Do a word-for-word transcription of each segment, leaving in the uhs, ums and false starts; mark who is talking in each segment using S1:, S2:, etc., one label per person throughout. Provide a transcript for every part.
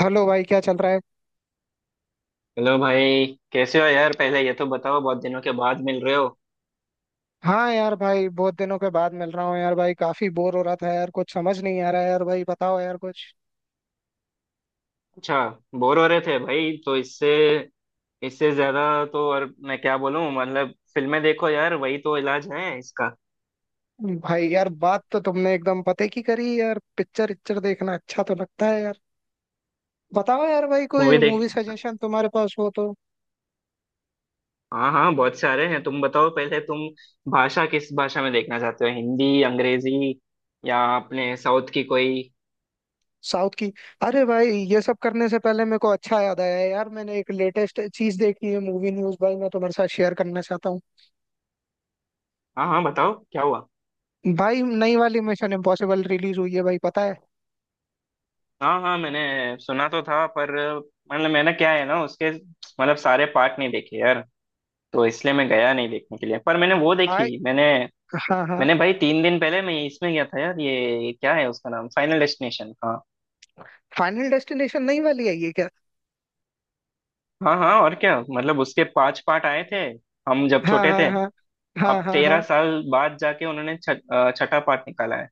S1: Hello भाई, क्या चल रहा है।
S2: हेलो भाई। कैसे हो यार? पहले ये तो बताओ, बहुत दिनों के बाद मिल रहे हो।
S1: हाँ यार भाई, बहुत दिनों के बाद मिल रहा हूँ यार भाई। काफी बोर हो रहा था यार, कुछ समझ नहीं आ रहा है यार भाई। बताओ यार कुछ।
S2: अच्छा। बोर हो रहे थे भाई तो इससे इससे ज्यादा तो और मैं क्या बोलूं। मतलब फिल्में देखो यार, वही तो इलाज है इसका।
S1: भाई यार बात तो तुमने एकदम पते की करी यार। पिक्चर इच्चर देखना अच्छा तो लगता है यार। बताओ यार भाई, कोई
S2: मूवी देख।
S1: मूवी सजेशन तुम्हारे पास हो तो।
S2: हाँ हाँ, बहुत सारे हैं। तुम बताओ पहले, तुम भाषा, किस भाषा में देखना चाहते हो? हिंदी, अंग्रेजी या अपने साउथ की कोई?
S1: साउथ की। अरे भाई, ये सब करने से पहले मेरे को, अच्छा याद आया यार, मैंने एक लेटेस्ट चीज देखी है, मूवी न्यूज भाई, मैं तुम्हारे साथ शेयर करना चाहता हूँ।
S2: हाँ हाँ, बताओ क्या हुआ।
S1: भाई नई वाली मिशन इम्पॉसिबल रिलीज हुई है भाई, पता है।
S2: हाँ हाँ, मैंने सुना तो था, पर मतलब मैंने, क्या है ना, उसके मतलब सारे पार्ट नहीं देखे यार, तो इसलिए मैं गया नहीं देखने के लिए। पर मैंने वो
S1: भाई,
S2: देखी। मैंने,
S1: हाँ हाँ।
S2: मैंने भाई तीन दिन पहले मैं इसमें गया था यार। ये क्या है उसका नाम? Final Destination. हाँ
S1: फाइनल डेस्टिनेशन नई वाली आई है क्या।
S2: हाँ हाँ, और क्या। मतलब उसके पांच पार्ट आए थे हम जब
S1: हाँ
S2: छोटे
S1: हाँ
S2: थे।
S1: हाँ। हाँ
S2: अब
S1: हाँ
S2: तेरह
S1: हाँ।
S2: साल बाद जाके उन्होंने छ, अ, छठा पार्ट निकाला है।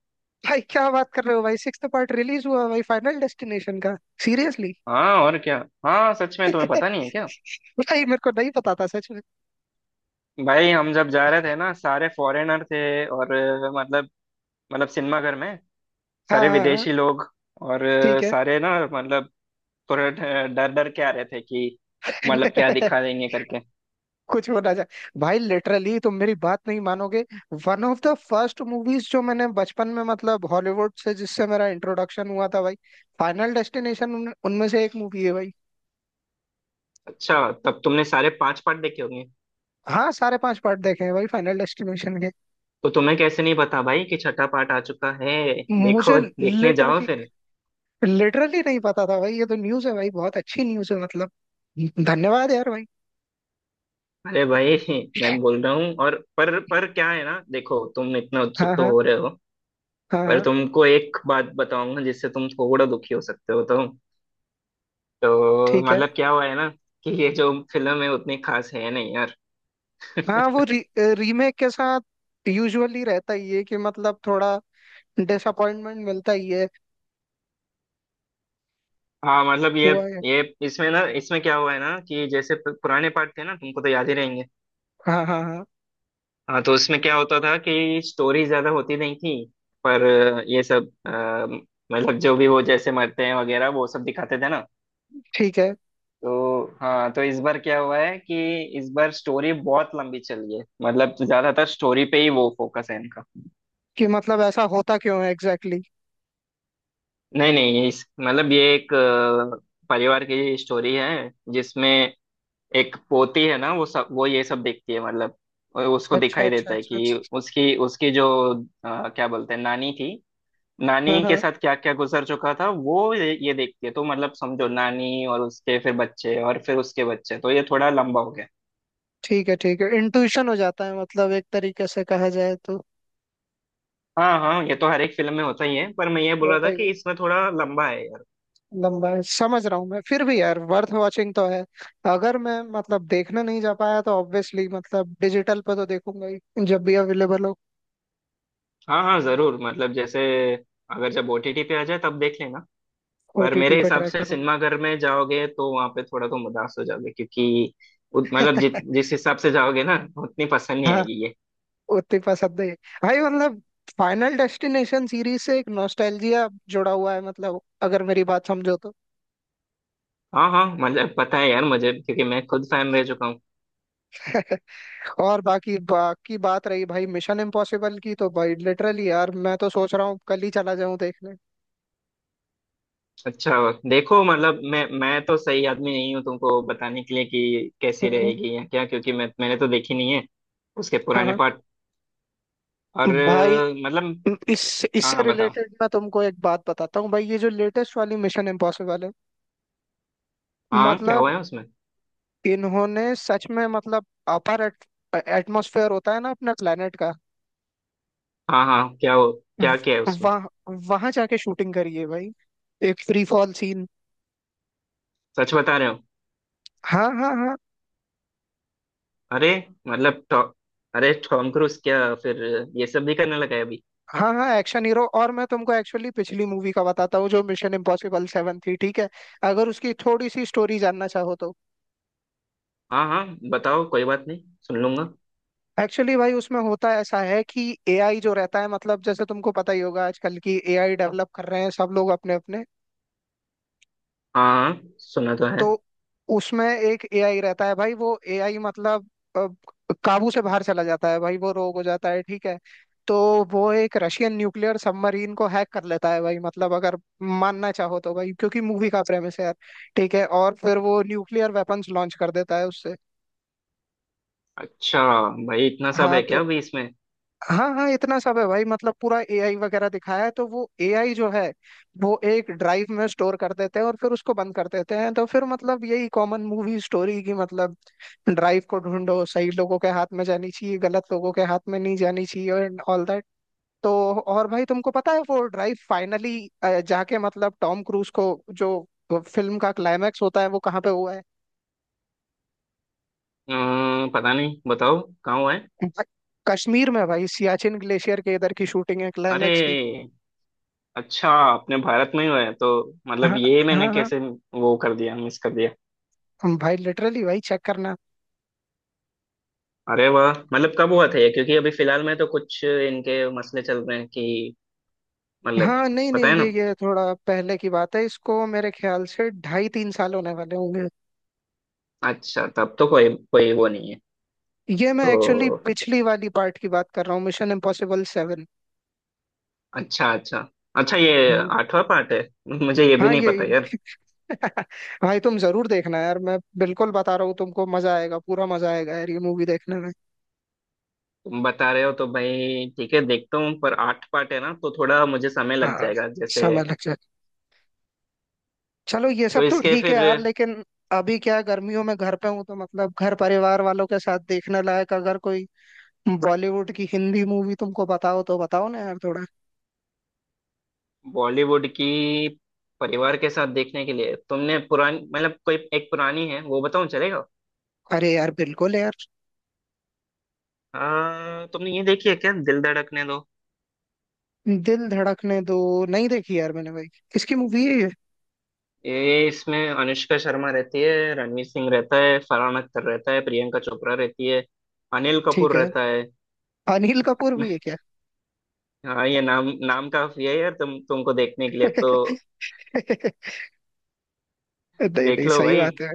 S1: भाई क्या बात कर रहे हो भाई, सिक्स्थ पार्ट रिलीज हुआ भाई, फाइनल डेस्टिनेशन का। सीरियसली।
S2: हाँ और क्या। हाँ सच में, तुम्हें पता नहीं है क्या?
S1: भाई मेरे को नहीं पता था सच में।
S2: भाई हम जब जा रहे थे ना, सारे फॉरेनर थे और अ, मतलब, मतलब सिनेमा घर में
S1: हाँ
S2: सारे
S1: हाँ हाँ।
S2: विदेशी लोग। और अ,
S1: ठीक है।
S2: सारे ना, मतलब थोड़ा ड- डर डर के आ रहे थे कि मतलब क्या दिखा देंगे करके।
S1: कुछ हो ना जाए। भाई लिटरली तुम मेरी बात नहीं मानोगे। One of the first movies जो मैंने बचपन में, मतलब हॉलीवुड से जिससे मेरा इंट्रोडक्शन हुआ था भाई, फाइनल डेस्टिनेशन उन, उनमें से एक मूवी है भाई।
S2: अच्छा तब तुमने सारे पांच पार्ट देखे होंगे।
S1: हाँ, सारे पांच पार्ट देखे हैं भाई, फाइनल डेस्टिनेशन के।
S2: तो तुम्हें कैसे नहीं पता भाई कि छठा पार्ट आ चुका है?
S1: मुझे
S2: देखो, देखने जाओ
S1: लिटरली,
S2: फिर।
S1: लिटरली नहीं पता था भाई। ये तो न्यूज़ है भाई, बहुत अच्छी न्यूज़ है मतलब। धन्यवाद यार भाई।
S2: अरे भाई, मैं बोल रहा हूँ। और पर पर क्या है ना, देखो तुम इतना उत्सुक
S1: हाँ
S2: तो
S1: हाँ।
S2: हो रहे हो,
S1: हाँ
S2: पर
S1: हाँ।
S2: तुमको एक बात बताऊंगा जिससे तुम थोड़ा दुखी हो सकते हो तो। तो
S1: ठीक है।
S2: मतलब क्या हुआ है ना कि ये जो फिल्म है उतनी खास है नहीं यार।
S1: हाँ, वो री, रीमेक के साथ यूजुअली रहता ही है कि मतलब थोड़ा डिसअपॉइंटमेंट मिलता ही है।
S2: हाँ मतलब ये
S1: हुआ है।
S2: ये इसमें ना, इसमें क्या हुआ है ना कि जैसे पु- पुराने पार्ट थे ना, तुमको तो याद ही रहेंगे।
S1: हाँ हाँ हाँ।
S2: हाँ तो उसमें क्या होता था कि स्टोरी ज्यादा होती नहीं थी। पर अ, ये सब अ, मतलब जो भी वो जैसे मरते हैं वगैरह वो सब दिखाते थे ना।
S1: ठीक है
S2: तो हाँ तो इस बार क्या हुआ है कि इस बार स्टोरी बहुत लंबी चली है। मतलब ज्यादातर स्टोरी पे ही वो फोकस है इनका।
S1: कि। मतलब ऐसा होता क्यों है एग्जैक्टली exactly?
S2: नहीं नहीं, इस मतलब ये एक अ, परिवार की स्टोरी है जिसमें एक पोती है ना, वो सब वो ये सब देखती है। मतलब उसको
S1: अच्छा
S2: दिखाई
S1: अच्छा
S2: देता है
S1: अच्छा
S2: कि
S1: अच्छा।
S2: उसकी उसकी जो अ, क्या बोलते हैं, नानी थी।
S1: अच्छा। हाँ
S2: नानी के
S1: हाँ।
S2: साथ क्या क्या गुजर चुका था वो ये, ये देखती है, तो मतलब समझो नानी, और उसके फिर बच्चे, और फिर उसके बच्चे, तो ये थोड़ा लंबा हो गया।
S1: ठीक है ठीक है। इंट्यूशन हो जाता है मतलब, एक तरीके से कहा जाए तो।
S2: हाँ हाँ, ये तो हर एक फिल्म में होता ही है, पर मैं ये बोल रहा
S1: होता
S2: था
S1: ही
S2: कि
S1: है।
S2: इसमें थोड़ा लंबा है यार।
S1: लंबा है, समझ रहा हूँ मैं। फिर भी यार वर्थ वॉचिंग तो है। अगर मैं मतलब देखने नहीं जा पाया तो ऑब्वियसली मतलब डिजिटल पे तो देखूंगा ही, जब भी अवेलेबल हो।
S2: हाँ हाँ जरूर, मतलब जैसे अगर जब ओटीटी पे आ जाए तब देख लेना। पर
S1: ओटीटी
S2: मेरे
S1: पे
S2: हिसाब
S1: ट्राई
S2: से सिनेमाघर में जाओगे तो वहां पे थोड़ा तुम उदास हो जाओगे, क्योंकि उत- मतलब जि,
S1: करूंगा।
S2: जिस हिसाब से जाओगे ना उतनी पसंद नहीं
S1: हाँ।
S2: आएगी ये।
S1: उतनी पसंद है। भाई मतलब, फाइनल डेस्टिनेशन सीरीज से एक नॉस्टैल्जिया जुड़ा हुआ है, मतलब अगर मेरी बात समझो तो।
S2: हाँ हाँ, मतलब पता है यार मुझे, क्योंकि मैं खुद फैन रह चुका हूँ।
S1: और बाकी बाकी बात रही भाई मिशन इम्पॉसिबल की, तो भाई लिटरली यार मैं तो सोच रहा हूँ कल ही चला जाऊं देखने।
S2: अच्छा देखो, मतलब मैं मैं तो सही आदमी नहीं हूँ तुमको बताने के लिए कि कैसी
S1: हम्म।
S2: रहेगी या क्या, क्योंकि मैं मैंने तो देखी नहीं है उसके
S1: हाँ
S2: पुराने
S1: हाँ।
S2: पार्ट। और
S1: भाई
S2: अ, मतलब।
S1: इस,
S2: हाँ
S1: इससे
S2: हाँ बताओ।
S1: रिलेटेड मैं तुमको एक बात बताता हूँ भाई, ये जो लेटेस्ट वाली मिशन इम्पॉसिबल है,
S2: हाँ क्या
S1: मतलब
S2: हुआ है उसमें।
S1: इन्होंने सच में मतलब, अपर एटमॉस्फेयर होता है ना अपना प्लेनेट का,
S2: हाँ हाँ क्या हो, क्या क्या है उसमें?
S1: वहाँ, वहां जाके शूटिंग करी है भाई, एक फ्री फॉल सीन।
S2: सच बता रहे हो?
S1: हाँ हाँ हाँ।
S2: अरे मतलब टॉ- अरे टॉम क्रूज क्या फिर ये सब भी करने लगा है अभी।
S1: हाँ हाँ एक्शन हीरो। और मैं तुमको एक्चुअली पिछली मूवी का बताता हूँ, जो मिशन इम्पॉसिबल सेवन थी, ठीक है, अगर उसकी थोड़ी सी स्टोरी जानना चाहो तो।
S2: हाँ हाँ बताओ, कोई बात नहीं सुन लूंगा।
S1: एक्चुअली भाई उसमें होता ऐसा है कि एआई जो रहता है, मतलब जैसे तुमको पता ही होगा आजकल की एआई डेवलप कर रहे हैं सब लोग अपने अपने।
S2: हाँ हाँ सुना तो है।
S1: तो उसमें एक एआई रहता है भाई, वो एआई मतलब अ, काबू से बाहर चला जाता है भाई, वो रोग हो जाता है, ठीक है। तो वो एक रशियन न्यूक्लियर सबमरीन को हैक कर लेता है भाई, मतलब अगर मानना चाहो तो भाई, क्योंकि मूवी का प्रेमिस है यार, ठीक है। और फिर वो न्यूक्लियर वेपन्स लॉन्च कर देता है उससे।
S2: अच्छा भाई, इतना सब
S1: हाँ
S2: है क्या
S1: तो।
S2: अभी इसमें?
S1: हाँ हाँ, इतना सब है भाई, मतलब पूरा एआई वगैरह दिखाया है। तो वो एआई जो है, वो एक ड्राइव में स्टोर कर देते हैं और फिर उसको बंद कर देते हैं। तो फिर मतलब यही कॉमन मूवी स्टोरी की मतलब, ड्राइव को ढूंढो, सही लोगों के हाथ में जानी चाहिए, गलत लोगों के हाथ में नहीं जानी चाहिए, एंड ऑल दैट। तो और भाई, तुमको पता है वो ड्राइव फाइनली जाके मतलब टॉम क्रूज को, जो फिल्म का क्लाइमैक्स होता है, वो कहाँ पे हुआ है।
S2: अम्म, पता नहीं, बताओ कहाँ हुआ है।
S1: कश्मीर में भाई, सियाचिन ग्लेशियर के इधर की शूटिंग है
S2: अरे
S1: क्लाइमैक्स की।
S2: अच्छा, अपने भारत में ही हुआ है तो। मतलब
S1: हाँ
S2: ये मैंने
S1: हाँ हाँ।
S2: कैसे वो कर दिया, मिस कर दिया।
S1: हम भाई, लिटरली भाई चेक करना।
S2: अरे वाह, मतलब कब हुआ था ये? क्योंकि अभी फिलहाल में तो कुछ इनके मसले चल रहे हैं कि मतलब,
S1: हाँ नहीं
S2: पता
S1: नहीं,
S2: है
S1: ये
S2: ना।
S1: ये थोड़ा पहले की बात है, इसको मेरे ख्याल से ढाई तीन साल होने वाले होंगे।
S2: अच्छा तब तो कोई कोई वो नहीं है
S1: ये मैं
S2: तो।
S1: एक्चुअली पिछली वाली पार्ट की बात कर रहा हूँ, मिशन इम्पॉसिबल सेवन।
S2: अच्छा अच्छा। अच्छा ये
S1: हम्म।
S2: आठवां पार्ट है? मुझे ये भी
S1: हाँ
S2: नहीं
S1: ये।
S2: पता यार।
S1: भाई तुम जरूर देखना यार, मैं बिल्कुल बता रहा हूँ तुमको, मजा आएगा, पूरा मजा आएगा यार ये मूवी देखने में।
S2: तुम बता रहे हो तो भाई ठीक है देखता हूँ। पर आठ पार्ट है ना तो थोड़ा मुझे समय लग
S1: हाँ
S2: जाएगा जैसे।
S1: समय लग जाए। चलो ये
S2: तो
S1: सब तो
S2: इसके
S1: ठीक है
S2: फिर
S1: यार, लेकिन अभी क्या है, गर्मियों में घर पे हूँ तो मतलब घर परिवार वालों के साथ देखने लायक अगर कोई बॉलीवुड की हिंदी मूवी तुमको, बताओ तो बताओ ना यार थोड़ा।
S2: बॉलीवुड की, परिवार के साथ देखने के लिए, तुमने पुरानी, मतलब कोई एक पुरानी है वो बताऊँ चलेगा?
S1: अरे यार बिल्कुल यार।
S2: आ, तुमने ये देखी है क्या, दिल धड़कने दो?
S1: दिल धड़कने दो नहीं देखी यार मैंने भाई। किसकी मूवी है ये।
S2: ये इसमें अनुष्का शर्मा रहती है, रणवीर सिंह रहता है, फरहान अख्तर रहता है, प्रियंका चोपड़ा रहती है, अनिल
S1: ठीक
S2: कपूर
S1: है।
S2: रहता है।
S1: अनिल कपूर भी है क्या।
S2: हाँ ये नाम नाम काफी है यार, तुम तुमको देखने के लिए तो।
S1: नहीं
S2: देख
S1: नहीं,
S2: लो
S1: सही
S2: भाई।
S1: बात है।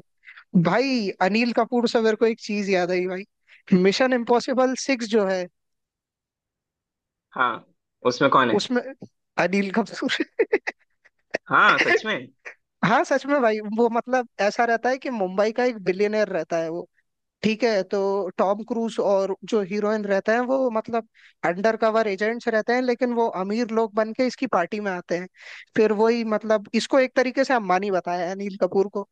S1: भाई अनिल कपूर से मेरे को एक चीज याद आई भाई, मिशन इम्पॉसिबल सिक्स जो है,
S2: हाँ उसमें कौन है?
S1: उसमें अनिल कपूर।
S2: हाँ सच में?
S1: हाँ सच में भाई, वो मतलब ऐसा रहता है कि मुंबई का एक बिलियनर रहता है वो, ठीक है। तो टॉम क्रूज और जो हीरोइन रहते हैं वो मतलब अंडर कवर एजेंट्स रहते हैं, लेकिन वो अमीर लोग बन के इसकी पार्टी में आते हैं। फिर वही मतलब, इसको एक तरीके से अंबानी बताया है अनिल कपूर को।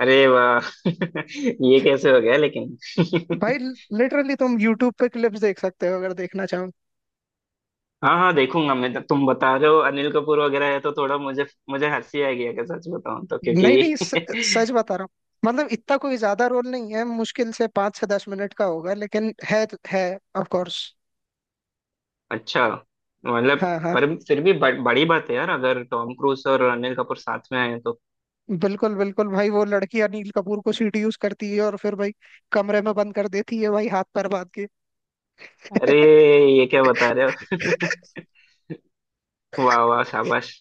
S2: अरे वाह। ये कैसे हो गया लेकिन।
S1: भाई लिटरली तुम यूट्यूब पे क्लिप्स देख सकते हो, अगर देखना चाहो।
S2: हाँ हाँ देखूंगा मैं तो, तुम बता रहे हो अनिल कपूर वगैरह है तो थोड़ा मुझे मुझे हंसी आएगी अगर सच बताऊं तो,
S1: नहीं
S2: क्योंकि
S1: नहीं, स, सच बता रहा हूँ, मतलब इतना कोई ज्यादा रोल नहीं है, मुश्किल से पाँच से दस मिनट का होगा, लेकिन है है ऑफ कोर्स।
S2: अच्छा। मतलब
S1: हाँ हाँ
S2: पर फिर भी ब, बड़ी बात है यार अगर टॉम क्रूज और अनिल कपूर साथ में आए तो।
S1: बिल्कुल बिल्कुल। भाई वो लड़की अनिल कपूर को सीट यूज करती है और फिर भाई कमरे में बंद कर देती है भाई, हाथ पैर बांध के।
S2: अरे ये क्या बता रहे हो। वाह वाह शाबाश।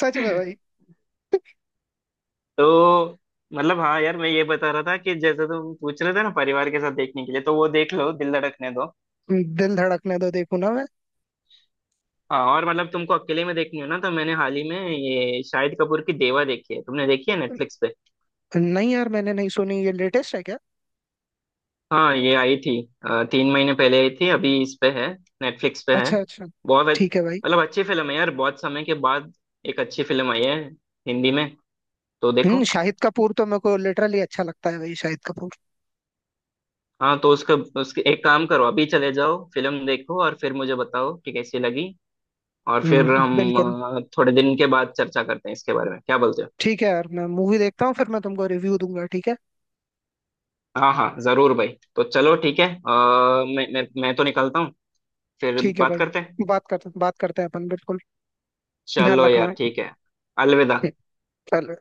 S1: सच में भाई।
S2: तो मतलब हाँ यार, मैं ये बता रहा था कि जैसे तुम पूछ रहे थे ना परिवार के साथ देखने के लिए, तो वो देख लो, दिल धड़कने दो।
S1: दिल धड़कने दो देखू ना मैं।
S2: हाँ, और मतलब तुमको अकेले में देखनी हो ना, तो मैंने हाल ही में ये शाहिद कपूर की देवा देखी है, तुमने देखी है नेटफ्लिक्स पे?
S1: नहीं यार मैंने नहीं सुनी, ये लेटेस्ट है क्या।
S2: हाँ ये आई थी अ, तीन महीने पहले आई थी, अभी इस पे है, नेटफ्लिक्स पे है।
S1: अच्छा अच्छा।
S2: बहुत अच्छ-
S1: ठीक है भाई।
S2: मतलब अच्छी फिल्म है यार, बहुत समय के बाद एक अच्छी फिल्म आई है हिंदी में, तो देखो।
S1: हम्म, शाहिद कपूर तो मेरे को लिटरली अच्छा लगता है भाई, शाहिद कपूर।
S2: हाँ तो उसका उसके एक काम करो, अभी चले जाओ फिल्म देखो और फिर मुझे बताओ कि कैसी लगी। और फिर
S1: हम्म
S2: हम
S1: बिल्कुल।
S2: अ, थोड़े दिन के बाद चर्चा करते हैं इसके बारे में, क्या बोलते हो?
S1: ठीक है यार, मैं मूवी देखता हूँ फिर मैं तुमको रिव्यू दूंगा, ठीक है।
S2: हाँ हाँ जरूर भाई। तो चलो ठीक है, अ, मैं मैं मैं तो निकलता हूँ, फिर
S1: ठीक है
S2: बात करते
S1: भाई।
S2: हैं।
S1: बात करते, बात करते हैं अपन बिल्कुल। ध्यान
S2: चलो
S1: रखना
S2: यार
S1: है।
S2: ठीक है, अलविदा।
S1: हम्म। चलो।